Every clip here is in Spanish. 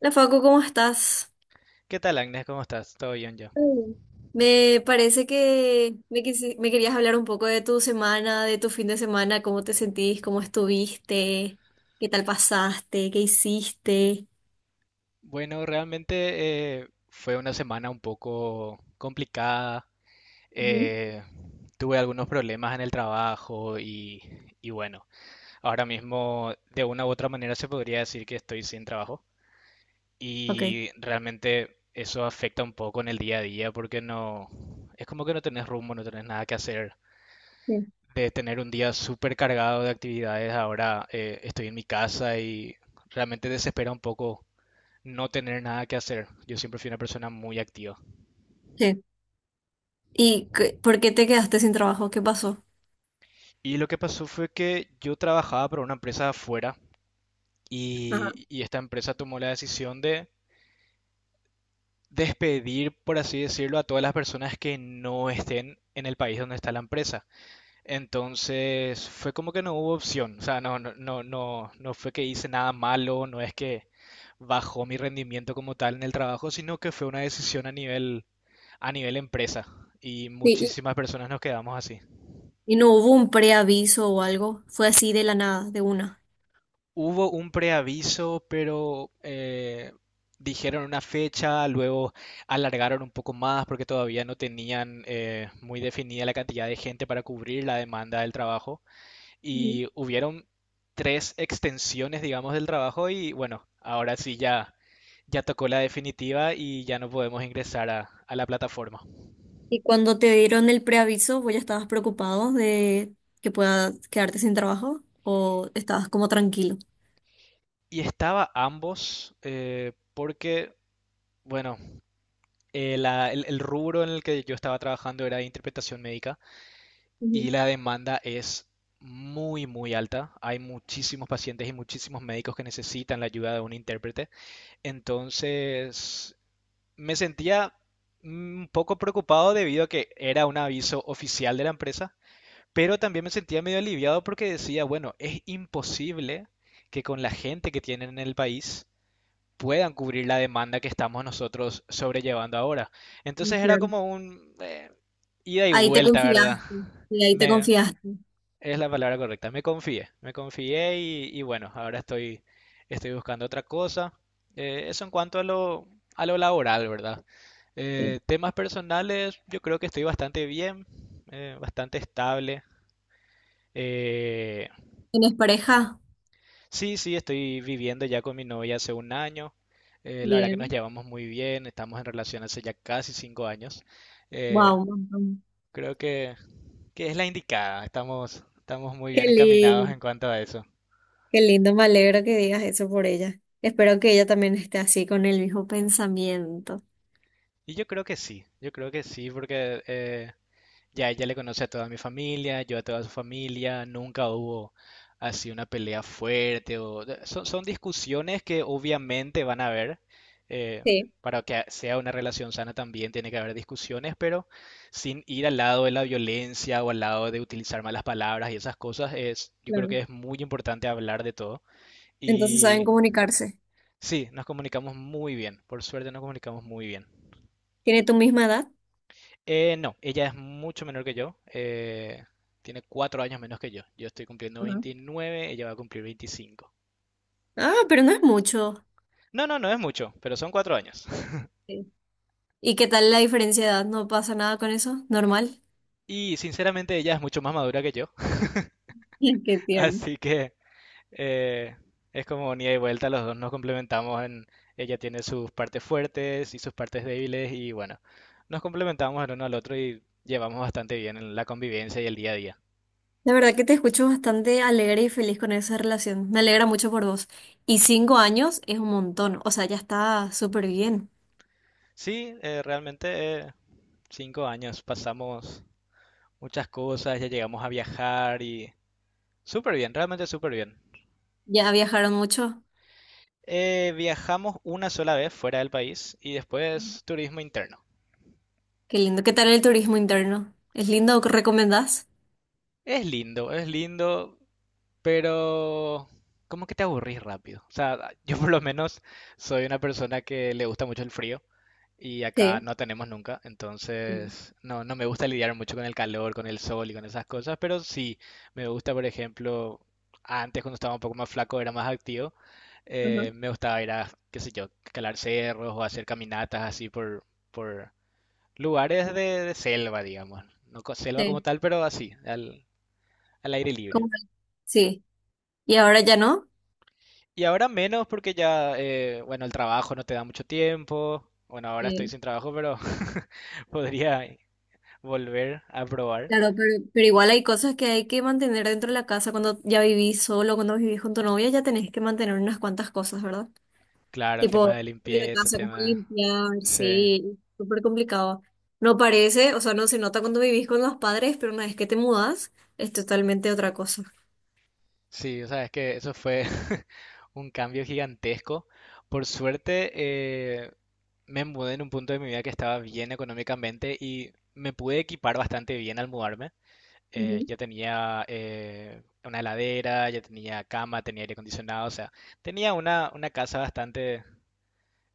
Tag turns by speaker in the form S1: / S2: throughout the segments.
S1: Hola Facu, ¿cómo estás?
S2: ¿Qué tal, Agnes? ¿Cómo estás? ¿Todo bien ya?
S1: Mm. Me parece que me querías hablar un poco de tu semana, de tu fin de semana, cómo te sentís, cómo estuviste, qué tal pasaste, qué hiciste.
S2: Bueno, realmente fue una semana un poco complicada.
S1: Ujú.
S2: Eh, Tuve algunos problemas en el trabajo y bueno, ahora mismo de una u otra manera se podría decir que estoy sin trabajo
S1: Ok.
S2: y realmente eso afecta un poco en el día a día porque no, es como que no tenés rumbo, no tenés nada que hacer.
S1: Sí.
S2: De tener un día súper cargado de actividades, ahora estoy en mi casa y realmente desespera un poco no tener nada que hacer. Yo siempre fui una persona muy activa.
S1: Sí. ¿ Por qué te quedaste sin trabajo? ¿Qué pasó?
S2: Y lo que pasó fue que yo trabajaba para una empresa de afuera
S1: Ajá.
S2: y esta empresa tomó la decisión de despedir, por así decirlo, a todas las personas que no estén en el país donde está la empresa. Entonces fue como que no hubo opción. O sea, no fue que hice nada malo, no es que bajó mi rendimiento como tal en el trabajo, sino que fue una decisión a nivel empresa. Y
S1: Sí, y,
S2: muchísimas personas nos quedamos así.
S1: ¿Y ¿no hubo un preaviso o algo? Fue así de la nada, de una.
S2: Hubo un preaviso, pero dijeron una fecha, luego alargaron un poco más porque todavía no tenían muy definida la cantidad de gente para cubrir la demanda del trabajo.
S1: Ujú.
S2: Y hubieron tres extensiones, digamos, del trabajo y bueno, ahora sí ya, ya tocó la definitiva y ya no podemos ingresar a la plataforma.
S1: ¿Y cuando te dieron el preaviso, vos ya estabas preocupado de que puedas quedarte sin trabajo o estabas como tranquilo?
S2: Y estaba ambos porque, bueno, el rubro en el que yo estaba trabajando era de interpretación médica.
S1: Ujú,
S2: Y la demanda es muy, muy alta. Hay muchísimos pacientes y muchísimos médicos que necesitan la ayuda de un intérprete. Entonces, me sentía un poco preocupado debido a que era un aviso oficial de la empresa, pero también me sentía medio aliviado porque decía, bueno, es imposible que con la gente que tienen en el país puedan cubrir la demanda que estamos nosotros sobrellevando ahora.
S1: ah,
S2: Entonces era
S1: claro.
S2: como un ida y
S1: Ahí te
S2: vuelta, ¿verdad?
S1: confiaste. Y ahí te
S2: Me,
S1: confiaste.
S2: es la palabra correcta. Me confié y bueno, ahora estoy, estoy buscando otra cosa. Eso en cuanto a lo laboral, ¿verdad?
S1: Sí.
S2: Temas personales, yo creo que estoy bastante bien, bastante estable. Eh,
S1: ¿Tienes pareja?
S2: sí, sí, estoy viviendo ya con mi novia hace 1 año. La verdad que nos
S1: Bien.
S2: llevamos muy bien, estamos en relación hace ya casi 5 años. Eh,
S1: Wow,
S2: Creo que es la indicada, estamos, estamos muy
S1: qué
S2: bien encaminados
S1: lindo.
S2: en cuanto a eso.
S1: Qué lindo, me alegro que digas eso por ella. Espero que ella también esté así con el mismo pensamiento.
S2: Y yo creo que sí, yo creo que sí, porque ya ella le conoce a toda mi familia, yo a toda su familia, nunca hubo así una pelea fuerte o son, son discusiones que obviamente van a haber. eh,
S1: Sí,
S2: para que sea una relación sana también tiene que haber discusiones, pero sin ir al lado de la violencia o al lado de utilizar malas palabras y esas cosas, es, yo creo
S1: claro.
S2: que es muy importante hablar de todo.
S1: Entonces saben
S2: Y
S1: comunicarse.
S2: sí, nos comunicamos muy bien, por suerte nos comunicamos muy bien.
S1: ¿Tiene tu misma edad?
S2: No, ella es mucho menor que yo. Tiene 4 años menos que yo. Yo estoy cumpliendo
S1: Ajá.
S2: 29, ella va a cumplir 25.
S1: Ah, pero no es mucho.
S2: No, no, no es mucho, pero son 4 años.
S1: Sí. ¿Y qué tal la diferencia de edad? ¿No pasa nada con eso? ¿Normal?
S2: Y sinceramente ella es mucho más madura que yo.
S1: Qué tierno.
S2: Así que eh, es como ni y vuelta, los dos nos complementamos en... Ella tiene sus partes fuertes y sus partes débiles y bueno, nos complementamos el uno al otro y llevamos bastante bien en la convivencia y el día a día.
S1: La verdad que te escucho bastante alegre y feliz con esa relación. Me alegra mucho por vos. Y 5 años es un montón. O sea, ya está súper bien.
S2: Sí, realmente... 5 años, pasamos muchas cosas, ya llegamos a viajar y súper bien, realmente súper bien.
S1: Ya viajaron mucho.
S2: Viajamos una sola vez fuera del país y después turismo interno.
S1: Qué lindo. ¿Qué tal el turismo interno? ¿Es lindo? ¿Recomendás?
S2: Es lindo, es lindo, pero como que te aburrís rápido. O sea, yo por lo menos soy una persona que le gusta mucho el frío y acá
S1: Sí.
S2: no tenemos nunca,
S1: Mm.
S2: entonces no, no me gusta lidiar mucho con el calor, con el sol y con esas cosas, pero sí me gusta, por ejemplo, antes cuando estaba un poco más flaco era más activo,
S1: Ajá.
S2: me gustaba ir a, qué sé yo, calar cerros o hacer caminatas así por lugares de selva, digamos. No co- Selva como
S1: Sí.
S2: tal, pero así, al aire libre.
S1: ¿Cómo? Sí. ¿Y ahora ya no?
S2: Y ahora menos porque ya, bueno, el trabajo no te da mucho tiempo. Bueno, ahora estoy
S1: Sí.
S2: sin trabajo, pero podría volver a probar.
S1: Claro, pero igual hay cosas que hay que mantener dentro de la casa. Cuando ya vivís solo, cuando vivís con tu novia, ya tenés que mantener unas cuantas cosas, ¿verdad?
S2: Claro, tema
S1: Tipo,
S2: de
S1: de la
S2: limpieza,
S1: casa, como
S2: tema...
S1: limpiar,
S2: Sí,
S1: sí, súper complicado. No parece, o sea, no se nota cuando vivís con los padres, pero una vez que te mudas, es totalmente otra cosa.
S2: sí, o sea, es que eso fue un cambio gigantesco. Por suerte, me mudé en un punto de mi vida que estaba bien económicamente y me pude equipar bastante bien al mudarme. eh,
S1: Ujú.
S2: ya tenía eh, una heladera, ya tenía cama, tenía aire acondicionado, o sea, tenía una casa bastante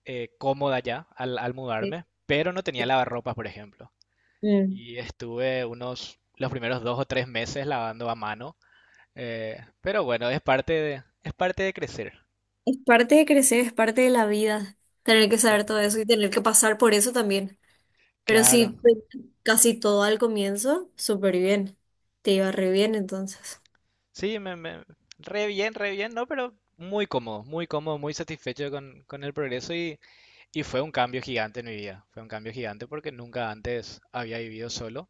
S2: cómoda ya al
S1: Sí,
S2: mudarme, pero no tenía
S1: sí.
S2: lavarropas, por ejemplo.
S1: Mm.
S2: Y estuve unos, los primeros dos o tres meses lavando a mano, pero bueno, es parte de crecer.
S1: Es parte de crecer, es parte de la vida, tener que
S2: Sí,
S1: saber todo eso y tener que pasar por eso también. Pero
S2: claro.
S1: sí, pues, casi todo al comienzo, súper bien. Te iba re bien entonces.
S2: Sí, re bien, ¿no? Pero muy cómodo, muy cómodo, muy satisfecho con el progreso y fue un cambio gigante en mi vida. Fue un cambio gigante porque nunca antes había vivido solo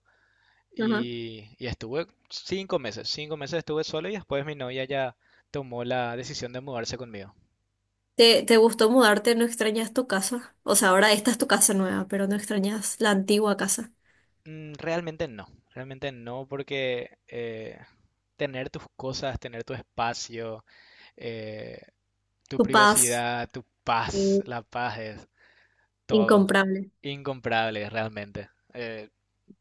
S1: Ajá.
S2: y estuve 5 meses, 5 meses estuve solo y después mi novia ya tomó la decisión de mudarse conmigo.
S1: ¿Te, te gustó mudarte? ¿No extrañas tu casa? O sea, ahora esta es tu casa nueva, pero no extrañas la antigua casa.
S2: Mm, realmente no, realmente no porque tener tus cosas, tener tu espacio, eh, tu
S1: Tu paz.
S2: privacidad, tu paz,
S1: Sí,
S2: la paz es todo.
S1: incomparable.
S2: Incomparable, realmente. Eh,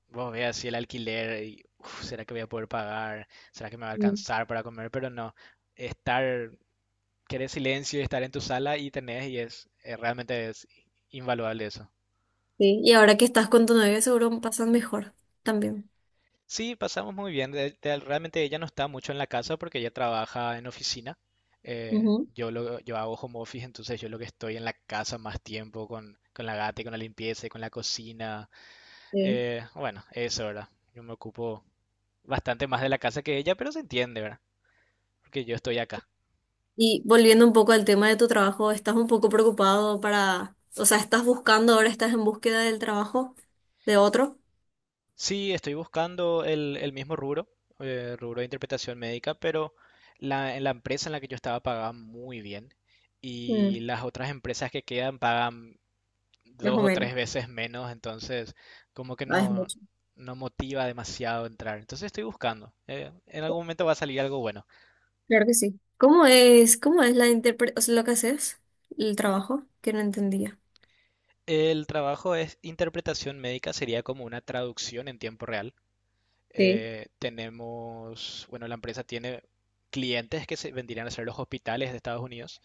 S2: Vos veas si el alquiler, y, uf, ¿será que voy a poder pagar? ¿Será que me va a
S1: Mm,
S2: alcanzar para comer? Pero no, estar, querer silencio y estar en tu sala y tenés, y es, realmente es invaluable eso.
S1: sí. Y ahora que estás con tu novio, seguro pasan mejor también.
S2: Sí, pasamos muy bien. Realmente ella no está mucho en la casa porque ella trabaja en oficina.
S1: Ujú,
S2: Yo hago home office, entonces yo lo que estoy en la casa más tiempo con la gata y con la limpieza y con la cocina.
S1: sí.
S2: Bueno, eso, ¿verdad? Yo me ocupo bastante más de la casa que ella, pero se entiende, ¿verdad? Porque yo estoy acá.
S1: Y volviendo un poco al tema de tu trabajo, ¿estás un poco preocupado para, o sea, estás buscando, ahora estás en búsqueda del trabajo de otro?
S2: Sí, estoy buscando el mismo rubro, rubro de interpretación médica, pero la, en la empresa en la que yo estaba pagaban muy bien y
S1: Mm,
S2: las otras empresas que quedan pagan
S1: más
S2: dos
S1: o
S2: o
S1: menos.
S2: tres veces menos, entonces como que
S1: Ah, es
S2: no,
S1: mucho.
S2: no motiva demasiado entrar. Entonces estoy buscando. En algún momento va a salir algo bueno.
S1: Claro que sí. Cómo es la interpre- O sea, ¿lo que haces, el trabajo? Que no entendía.
S2: El trabajo es interpretación médica, sería como una traducción en tiempo real.
S1: Sí.
S2: Tenemos, bueno, la empresa tiene clientes que se vendrían a ser los hospitales de Estados Unidos,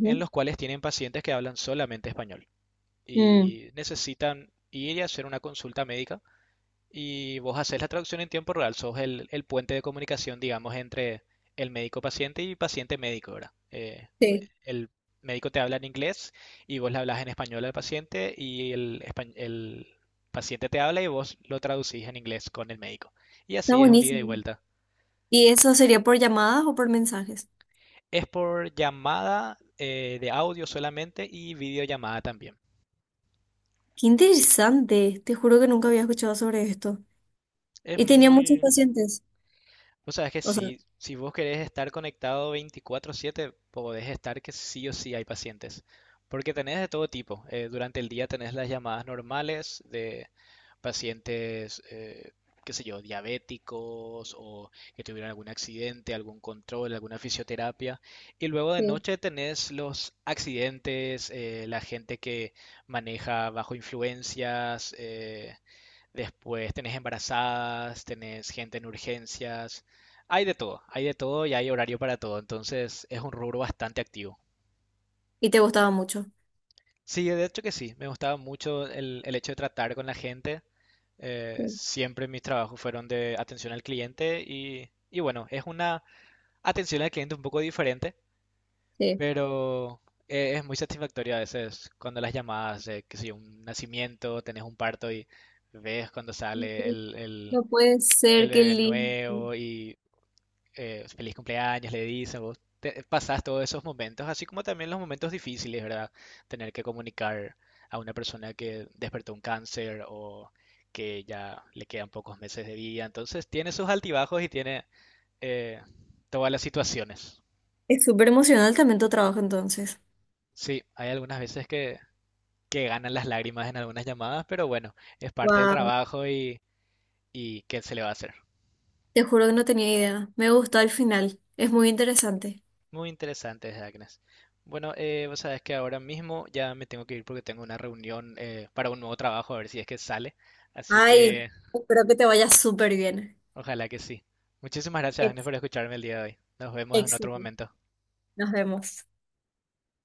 S2: en los cuales tienen pacientes que hablan solamente español
S1: Mm,
S2: y necesitan ir y hacer una consulta médica y vos haces la traducción en tiempo real, sos el puente de comunicación, digamos, entre el médico paciente y paciente médico, ¿verdad?
S1: sí.
S2: El médico te habla en inglés y vos le hablas en español al paciente y el paciente te habla y vos lo traducís en inglés con el médico. Y
S1: Está
S2: así es un ida y
S1: buenísimo.
S2: vuelta.
S1: ¿Y eso sería por llamadas o por mensajes?
S2: Es por llamada de audio solamente y videollamada también.
S1: Qué interesante, te juro que nunca había escuchado sobre esto.
S2: Es
S1: Y tenía muchos
S2: muy...
S1: pacientes,
S2: Vos sabés que
S1: o sea,
S2: si, si vos querés estar conectado 24/7, podés estar que sí o sí hay pacientes. Porque tenés de todo tipo. Durante el día tenés las llamadas normales de pacientes, qué sé yo, diabéticos o que tuvieron algún accidente, algún control, alguna fisioterapia. Y luego de
S1: sí,
S2: noche tenés los accidentes, la gente que maneja bajo influencias, después tenés embarazadas, tenés gente en urgencias. Hay de todo y hay horario para todo, entonces es un rubro bastante activo.
S1: y te gustaba mucho.
S2: Sí, de hecho que sí, me gustaba mucho el hecho de tratar con la gente.
S1: Sí,
S2: Siempre mis trabajos fueron de atención al cliente y bueno, es una atención al cliente un poco diferente,
S1: sí.
S2: pero es muy satisfactorio a veces cuando las llamadas de, qué sé yo, un nacimiento, tenés un parto y ves cuando sale el, el,
S1: No puede
S2: el
S1: ser, qué
S2: bebé
S1: lindo.
S2: nuevo y feliz cumpleaños, le dicen, pasás todos esos momentos, así como también los momentos difíciles, ¿verdad? Tener que comunicar a una persona que despertó un cáncer o que ya le quedan pocos meses de vida, entonces tiene sus altibajos y tiene eh, todas las situaciones.
S1: Es súper emocional también tu trabajo entonces.
S2: Sí, hay algunas veces que ganan las lágrimas en algunas llamadas, pero bueno, es parte del
S1: Wow.
S2: trabajo y ¿qué se le va a hacer?
S1: Te juro que no tenía idea. Me gustó al final, es muy interesante.
S2: Muy interesante, Agnes. Bueno, vos sabés que ahora mismo ya me tengo que ir porque tengo una reunión para un nuevo trabajo, a ver si es que sale. Así
S1: Ay,
S2: que
S1: espero que te vaya súper bien.
S2: ojalá que sí. Muchísimas gracias, Agnes,
S1: ex-
S2: por escucharme el día de hoy. Nos vemos en otro
S1: Éxito.
S2: momento.
S1: Nos vemos.